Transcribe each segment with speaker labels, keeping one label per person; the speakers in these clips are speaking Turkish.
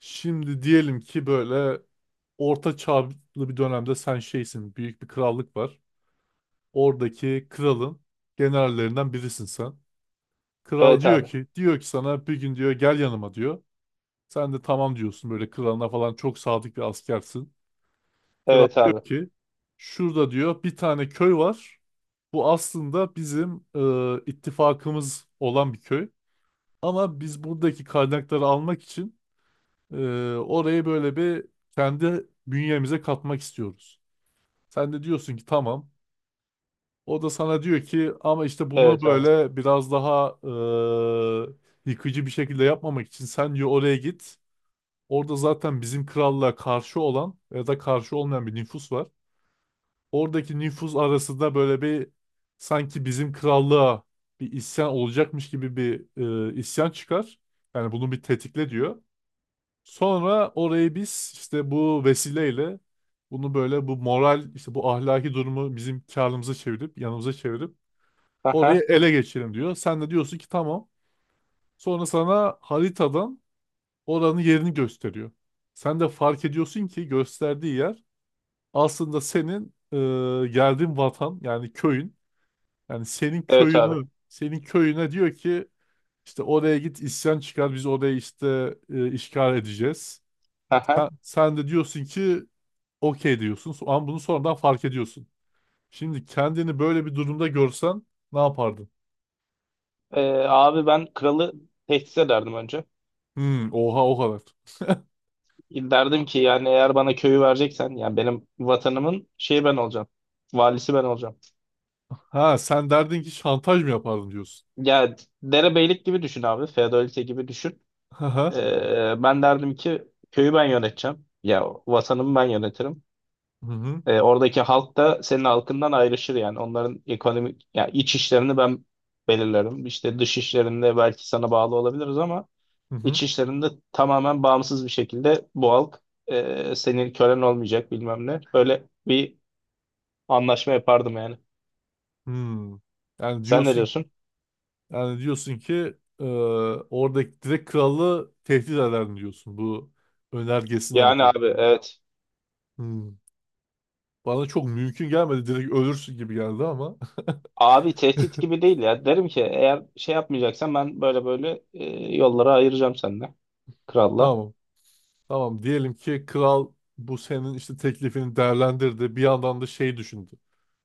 Speaker 1: Şimdi diyelim ki böyle orta çağlı bir dönemde sen şeysin. Büyük bir krallık var. Oradaki kralın generallerinden birisin sen. Kral
Speaker 2: Evet
Speaker 1: diyor
Speaker 2: abi.
Speaker 1: ki sana bir gün diyor gel yanıma diyor. Sen de tamam diyorsun böyle kralına falan çok sadık bir askersin. Kral
Speaker 2: Evet
Speaker 1: diyor
Speaker 2: abi.
Speaker 1: ki şurada diyor bir tane köy var. Bu aslında bizim ittifakımız olan bir köy. Ama biz buradaki kaynakları almak için Ee, orayı böyle bir kendi bünyemize katmak istiyoruz. Sen de diyorsun ki tamam. O da sana diyor ki ama işte bunu
Speaker 2: Evet abi.
Speaker 1: böyle biraz daha yıkıcı bir şekilde yapmamak için sen diyor oraya git. Orada zaten bizim krallığa karşı olan ya da karşı olmayan bir nüfus var. Oradaki nüfus arasında böyle bir sanki bizim krallığa bir isyan olacakmış gibi bir isyan çıkar. Yani bunu bir tetikle diyor. Sonra orayı biz işte bu vesileyle bunu böyle bu moral işte bu ahlaki durumu bizim karlımıza çevirip yanımıza çevirip orayı
Speaker 2: Aha.
Speaker 1: ele geçirelim diyor. Sen de diyorsun ki tamam. Sonra sana haritadan oranın yerini gösteriyor. Sen de fark ediyorsun ki gösterdiği yer aslında senin geldiğin vatan yani köyün. Yani senin
Speaker 2: Evet abi.
Speaker 1: köyünü senin köyüne diyor ki işte oraya git isyan çıkar biz orayı işte işgal edeceğiz.
Speaker 2: Aha.
Speaker 1: Sen de diyorsun ki okey diyorsun. Ama bunu sonradan fark ediyorsun. Şimdi kendini böyle bir durumda görsen ne yapardın?
Speaker 2: Ee, Abi ben kralı tehdit ederdim önce.
Speaker 1: Hmm, oha o kadar.
Speaker 2: Derdim ki yani eğer bana köyü vereceksen yani benim vatanımın şeyi ben olacağım. Valisi ben olacağım.
Speaker 1: Ha sen derdin ki şantaj mı yapardın diyorsun.
Speaker 2: Ya derebeylik gibi düşün abi. Feodalite gibi düşün.
Speaker 1: Hı hı.
Speaker 2: Ben derdim ki köyü ben yöneteceğim. Ya vatanımı ben yönetirim.
Speaker 1: Hı hı.
Speaker 2: Oradaki halk da senin halkından ayrışır yani. Onların ekonomik ya iç işlerini ben belirlerim. İşte dış işlerinde belki sana bağlı olabiliriz ama
Speaker 1: Hı hı.
Speaker 2: iç işlerinde tamamen bağımsız bir şekilde bu halk senin kölen olmayacak bilmem ne. Böyle bir anlaşma yapardım yani.
Speaker 1: Hmm. Yani
Speaker 2: Sen ne
Speaker 1: diyorsun
Speaker 2: diyorsun?
Speaker 1: yani diyorsun ki oradaki direkt kralı tehdit ederdin diyorsun bu önergesinden
Speaker 2: Yani
Speaker 1: ötürü.
Speaker 2: abi evet.
Speaker 1: Hmm. Bana çok mümkün gelmedi. Direkt ölürsün gibi geldi ama.
Speaker 2: Abi tehdit gibi değil ya. Derim ki eğer şey yapmayacaksan ben böyle böyle yollara ayıracağım seninle. Kralla.
Speaker 1: Tamam. Tamam diyelim ki kral bu senin işte teklifini değerlendirdi. Bir yandan da şey düşündü.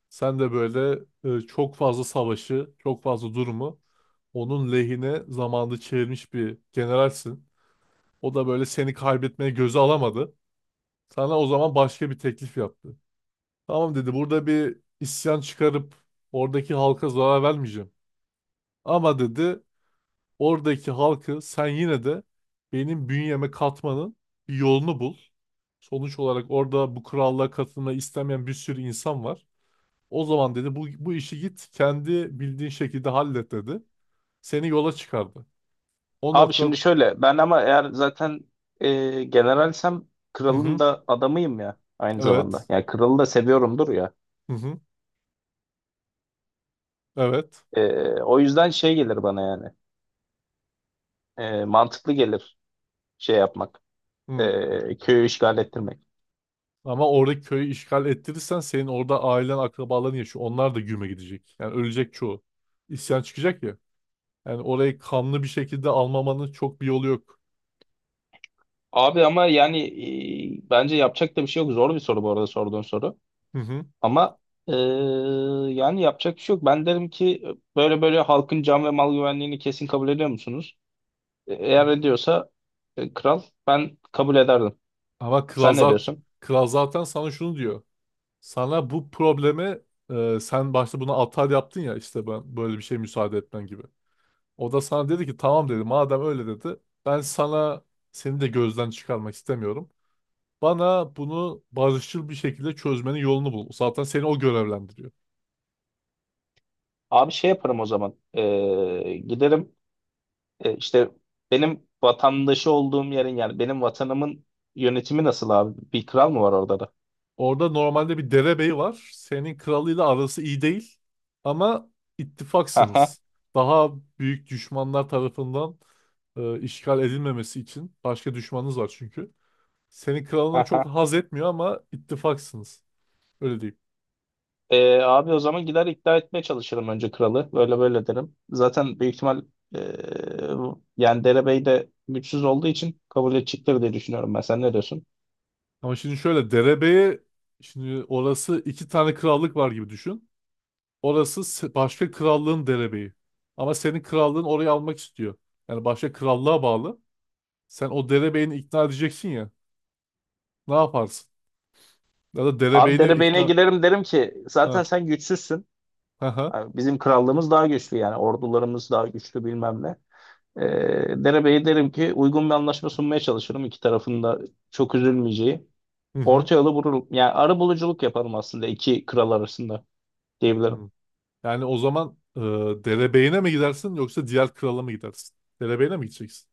Speaker 1: Sen de böyle çok fazla savaşı, çok fazla durumu onun lehine zamanda çevirmiş bir generalsin. O da böyle seni kaybetmeye göze alamadı. Sana o zaman başka bir teklif yaptı. Tamam dedi burada bir isyan çıkarıp oradaki halka zarar vermeyeceğim. Ama dedi oradaki halkı sen yine de benim bünyeme katmanın bir yolunu bul. Sonuç olarak orada bu krallığa katılmayı istemeyen bir sürü insan var. O zaman dedi bu işi git kendi bildiğin şekilde hallet dedi. Seni yola çıkardı. O
Speaker 2: Abi
Speaker 1: nokta
Speaker 2: şimdi şöyle ben ama eğer zaten generalsem
Speaker 1: hı
Speaker 2: kralın
Speaker 1: hı,
Speaker 2: da adamıyım ya aynı zamanda.
Speaker 1: evet
Speaker 2: Yani kralı da seviyorumdur ya.
Speaker 1: hı hı, evet
Speaker 2: E, O yüzden şey gelir bana yani. Mantıklı gelir şey yapmak.
Speaker 1: hı.
Speaker 2: Köyü işgal ettirmek.
Speaker 1: Ama orada köyü işgal ettirirsen senin orada ailen akrabaların yaşıyor. Onlar da güme gidecek. Yani ölecek çoğu. İsyan çıkacak ya. Yani orayı kanlı bir şekilde almamanın çok bir yolu yok.
Speaker 2: Abi ama yani bence yapacak da bir şey yok. Zor bir soru bu arada sorduğun soru.
Speaker 1: Hı hı.
Speaker 2: Ama e, yani yapacak bir şey yok. Ben derim ki böyle böyle halkın can ve mal güvenliğini kesin kabul ediyor musunuz? Eğer ediyorsa kral ben kabul ederdim.
Speaker 1: Ama
Speaker 2: Sen ne
Speaker 1: Klazat,
Speaker 2: diyorsun?
Speaker 1: Klazat'tan sana şunu diyor. Sana bu probleme sen başta buna atar yaptın ya işte ben böyle bir şey müsaade etmen gibi. O da sana dedi ki tamam dedi madem öyle dedi ben sana seni de gözden çıkarmak istemiyorum. Bana bunu barışçıl bir şekilde çözmenin yolunu bul. Zaten seni o görevlendiriyor.
Speaker 2: Abi şey yaparım o zaman. Giderim işte benim vatandaşı olduğum yerin yani benim vatanımın yönetimi nasıl abi? Bir kral mı var orada da?
Speaker 1: Orada normalde bir derebeyi var. Senin kralıyla arası iyi değil. Ama
Speaker 2: Aha,
Speaker 1: ittifaksınız. Daha büyük düşmanlar tarafından işgal edilmemesi için başka düşmanınız var çünkü. Senin kralına çok
Speaker 2: aha.
Speaker 1: haz etmiyor ama ittifaksınız. Öyle diyeyim.
Speaker 2: Abi o zaman gider ikna etmeye çalışırım önce kralı. Böyle böyle derim. Zaten büyük ihtimal ee, yani derebey de güçsüz olduğu için kabul edecektir diye düşünüyorum ben. Sen ne diyorsun?
Speaker 1: Ama şimdi şöyle derebeyi şimdi orası iki tane krallık var gibi düşün. Orası başka krallığın derebeyi. Ama senin krallığın orayı almak istiyor. Yani başka krallığa bağlı. Sen o derebeyini ikna edeceksin ya. Ne yaparsın? Ya da
Speaker 2: Abi
Speaker 1: derebeyine
Speaker 2: derebeyine
Speaker 1: ikna...
Speaker 2: giderim derim ki
Speaker 1: Ha,
Speaker 2: zaten sen güçsüzsün.
Speaker 1: ha, ha.
Speaker 2: Yani bizim krallığımız daha güçlü yani ordularımız daha güçlü bilmem ne. E, Derebeye derim ki uygun bir anlaşma sunmaya çalışırım. İki tarafın da çok üzülmeyeceği.
Speaker 1: Hı hı.
Speaker 2: Orta yolu bulurum. Yani arabuluculuk yaparım aslında iki kral arasında diyebilirim.
Speaker 1: Hı. Yani o zaman derebeyine mi gidersin yoksa diğer krala mı gidersin? Derebeyine mi gideceksin?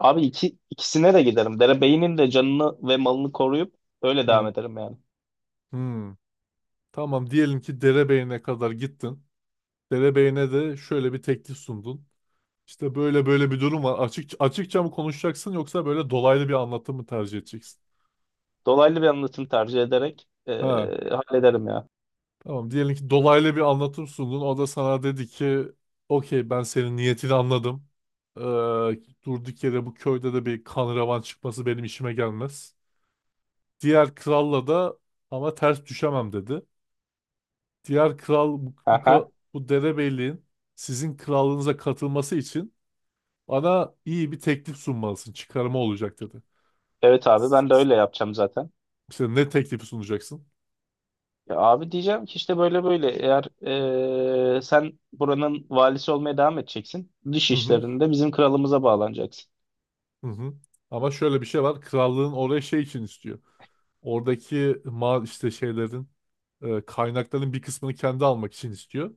Speaker 2: Abi ikisine de giderim. Derebeyinin de canını ve malını koruyup öyle devam
Speaker 1: Hı.
Speaker 2: ederim yani.
Speaker 1: Hı. Tamam diyelim ki derebeyine kadar gittin. Derebeyine de şöyle bir teklif sundun. İşte böyle böyle bir durum var. Açıkça mı konuşacaksın yoksa böyle dolaylı bir anlatım mı tercih edeceksin?
Speaker 2: Dolaylı bir anlatım tercih ederek
Speaker 1: Ha.
Speaker 2: hallederim ya.
Speaker 1: Tamam diyelim ki dolaylı bir anlatım sundun. O da sana dedi ki okey ben senin niyetini anladım. Ee, durduk yere bu köyde de bir kan revan çıkması benim işime gelmez. Diğer kralla da ama ters düşemem dedi. Diğer kral
Speaker 2: Aha.
Speaker 1: bu derebeyliğin sizin krallığınıza katılması için bana iyi bir teklif sunmalısın. Çıkarıma olacak dedi.
Speaker 2: Evet abi ben de öyle yapacağım zaten.
Speaker 1: İşte ne teklifi sunacaksın?
Speaker 2: Ya abi diyeceğim ki işte böyle böyle eğer sen buranın valisi olmaya devam edeceksin. Dış
Speaker 1: Hı hı,
Speaker 2: işlerinde bizim kralımıza bağlanacaksın.
Speaker 1: hı hı. Ama şöyle bir şey var. Krallığın oraya şey için istiyor. Oradaki ma işte şeylerin kaynakların bir kısmını kendi almak için istiyor.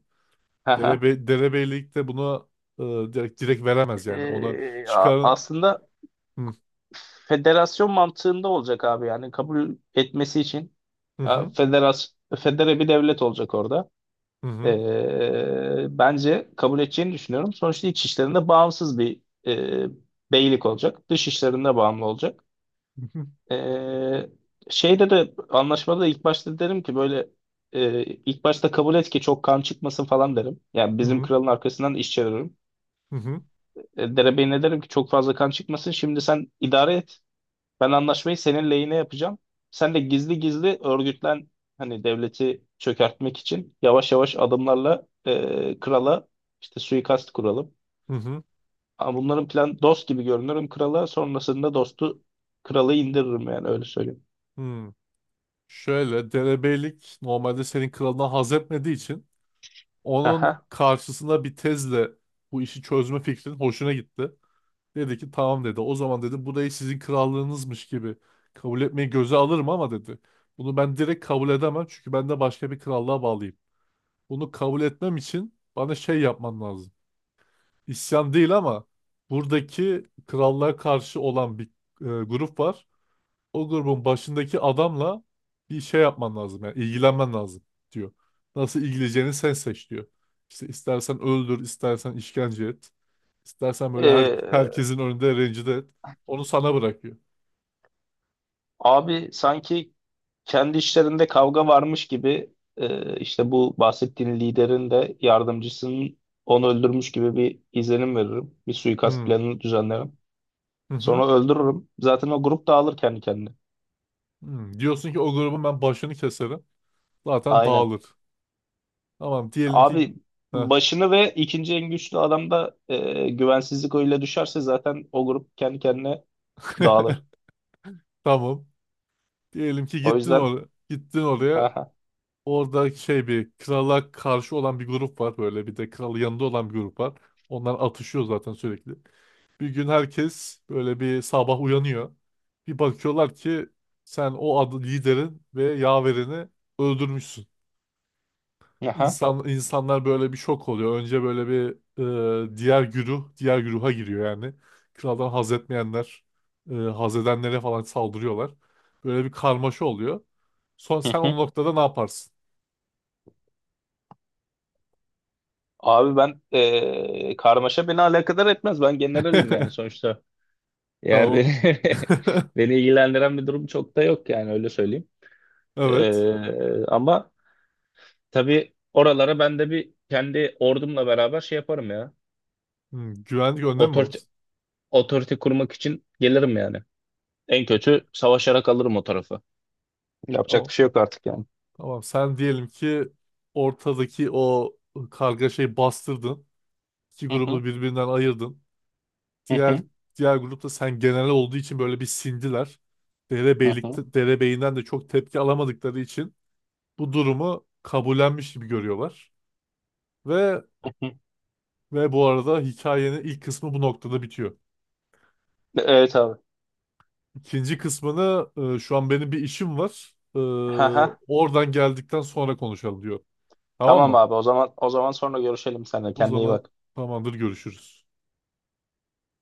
Speaker 1: Derebeylik de bunu e, direkt veremez yani. Ona çıkar
Speaker 2: Aslında
Speaker 1: hı
Speaker 2: federasyon mantığında olacak abi yani kabul etmesi için
Speaker 1: hı
Speaker 2: a,
Speaker 1: hı
Speaker 2: federas federe bir devlet olacak orada.
Speaker 1: hı hı
Speaker 2: Bence kabul edeceğini düşünüyorum. Sonuçta iç işlerinde bağımsız bir e, beylik olacak. Dış işlerinde bağımlı olacak.
Speaker 1: hı
Speaker 2: Ee, Şeyde de anlaşmada da ilk başta derim ki böyle ilk başta kabul et ki çok kan çıkmasın falan derim. Yani
Speaker 1: hı
Speaker 2: bizim
Speaker 1: hı
Speaker 2: kralın arkasından iş çeviririm.
Speaker 1: hı
Speaker 2: Derebeyi ne derim ki çok fazla kan çıkmasın. Şimdi sen idare et. Ben anlaşmayı senin lehine yapacağım. Sen de gizli gizli örgütlen hani devleti çökertmek için yavaş yavaş adımlarla krala işte suikast kuralım.
Speaker 1: hı hı,
Speaker 2: Ama bunların plan dost gibi görünürüm krala. Sonrasında dostu kralı indiririm yani öyle söyleyeyim.
Speaker 1: hı. Şöyle derebeylik normalde senin kralına haz etmediği için onun
Speaker 2: Aha.
Speaker 1: karşısına bir tezle bu işi çözme fikrin hoşuna gitti. Dedi ki tamam dedi. O zaman dedi burayı sizin krallığınızmış gibi kabul etmeyi göze alırım ama dedi. Bunu ben direkt kabul edemem çünkü ben de başka bir krallığa bağlıyım. Bunu kabul etmem için bana şey yapman lazım. İsyan değil ama buradaki krallığa karşı olan bir grup var o grubun başındaki adamla bir şey yapman lazım yani ilgilenmen lazım diyor. Nasıl ilgileneceğini sen seç diyor. İşte istersen öldür, istersen işkence et, istersen böyle
Speaker 2: E,
Speaker 1: herkesin önünde rencide et. Onu sana bırakıyor.
Speaker 2: Abi sanki kendi işlerinde kavga varmış gibi işte bu bahsettiğin liderin de yardımcısının onu öldürmüş gibi bir izlenim veririm. Bir suikast
Speaker 1: Hmm,
Speaker 2: planını düzenlerim.
Speaker 1: hı hı.
Speaker 2: Sonra öldürürüm. Zaten o grup dağılır kendi kendine.
Speaker 1: Hmm. Diyorsun ki o grubun ben başını keserim. Zaten
Speaker 2: Aynen.
Speaker 1: dağılır. Tamam diyelim ki
Speaker 2: Abi
Speaker 1: Heh.
Speaker 2: başını ve ikinci en güçlü adamda güvensizlik oyuyla düşerse zaten o grup kendi kendine dağılır.
Speaker 1: Tamam. Diyelim ki
Speaker 2: O
Speaker 1: gittin
Speaker 2: yüzden
Speaker 1: oraya. Gittin oraya.
Speaker 2: aha,
Speaker 1: Orada şey bir krala karşı olan bir grup var böyle bir de kralı yanında olan bir grup var. Onlar atışıyor zaten sürekli. Bir gün herkes böyle bir sabah uyanıyor. Bir bakıyorlar ki sen o adı liderin ve yaverini öldürmüşsün.
Speaker 2: aha,
Speaker 1: İnsanlar böyle bir şok oluyor. Önce böyle bir diğer güruha giriyor yani. Kraldan haz etmeyenler, haz edenlere falan saldırıyorlar. Böyle bir karmaşa oluyor. Son
Speaker 2: hı
Speaker 1: sen
Speaker 2: hı.
Speaker 1: o noktada ne yaparsın?
Speaker 2: Abi ben karmaşa beni alakadar etmez. Ben generalim yani sonuçta. Yani
Speaker 1: Tamam.
Speaker 2: beni, beni ilgilendiren bir durum çok da yok yani öyle söyleyeyim.
Speaker 1: Evet.
Speaker 2: Ama tabii oralara ben de bir kendi ordumla beraber şey yaparım ya.
Speaker 1: Hmm, güvenlik önlemi mi alırsın?
Speaker 2: Otorite kurmak için gelirim yani. En kötü savaşarak alırım o tarafı. Yapacak
Speaker 1: Tamam.
Speaker 2: bir şey yok artık yani.
Speaker 1: Tamam. Sen diyelim ki ortadaki o kargaşayı bastırdın. İki
Speaker 2: Hı hı.
Speaker 1: grubu birbirinden ayırdın.
Speaker 2: Hı
Speaker 1: Diğer
Speaker 2: hı.
Speaker 1: diğer grupta sen genel olduğu için böyle bir sindiler.
Speaker 2: Hı hı.
Speaker 1: Derebeylikte, derebeyinden de çok tepki alamadıkları için bu durumu kabullenmiş gibi görüyorlar. Ve
Speaker 2: Hı hı.
Speaker 1: bu arada hikayenin ilk kısmı bu noktada bitiyor.
Speaker 2: Evet abi.
Speaker 1: İkinci kısmını şu an benim bir işim var.
Speaker 2: Hı hı.
Speaker 1: Oradan geldikten sonra konuşalım diyor. Tamam
Speaker 2: Tamam
Speaker 1: mı?
Speaker 2: abi. O zaman o zaman sonra görüşelim seninle.
Speaker 1: O
Speaker 2: Kendine iyi
Speaker 1: zaman
Speaker 2: bak.
Speaker 1: tamamdır görüşürüz.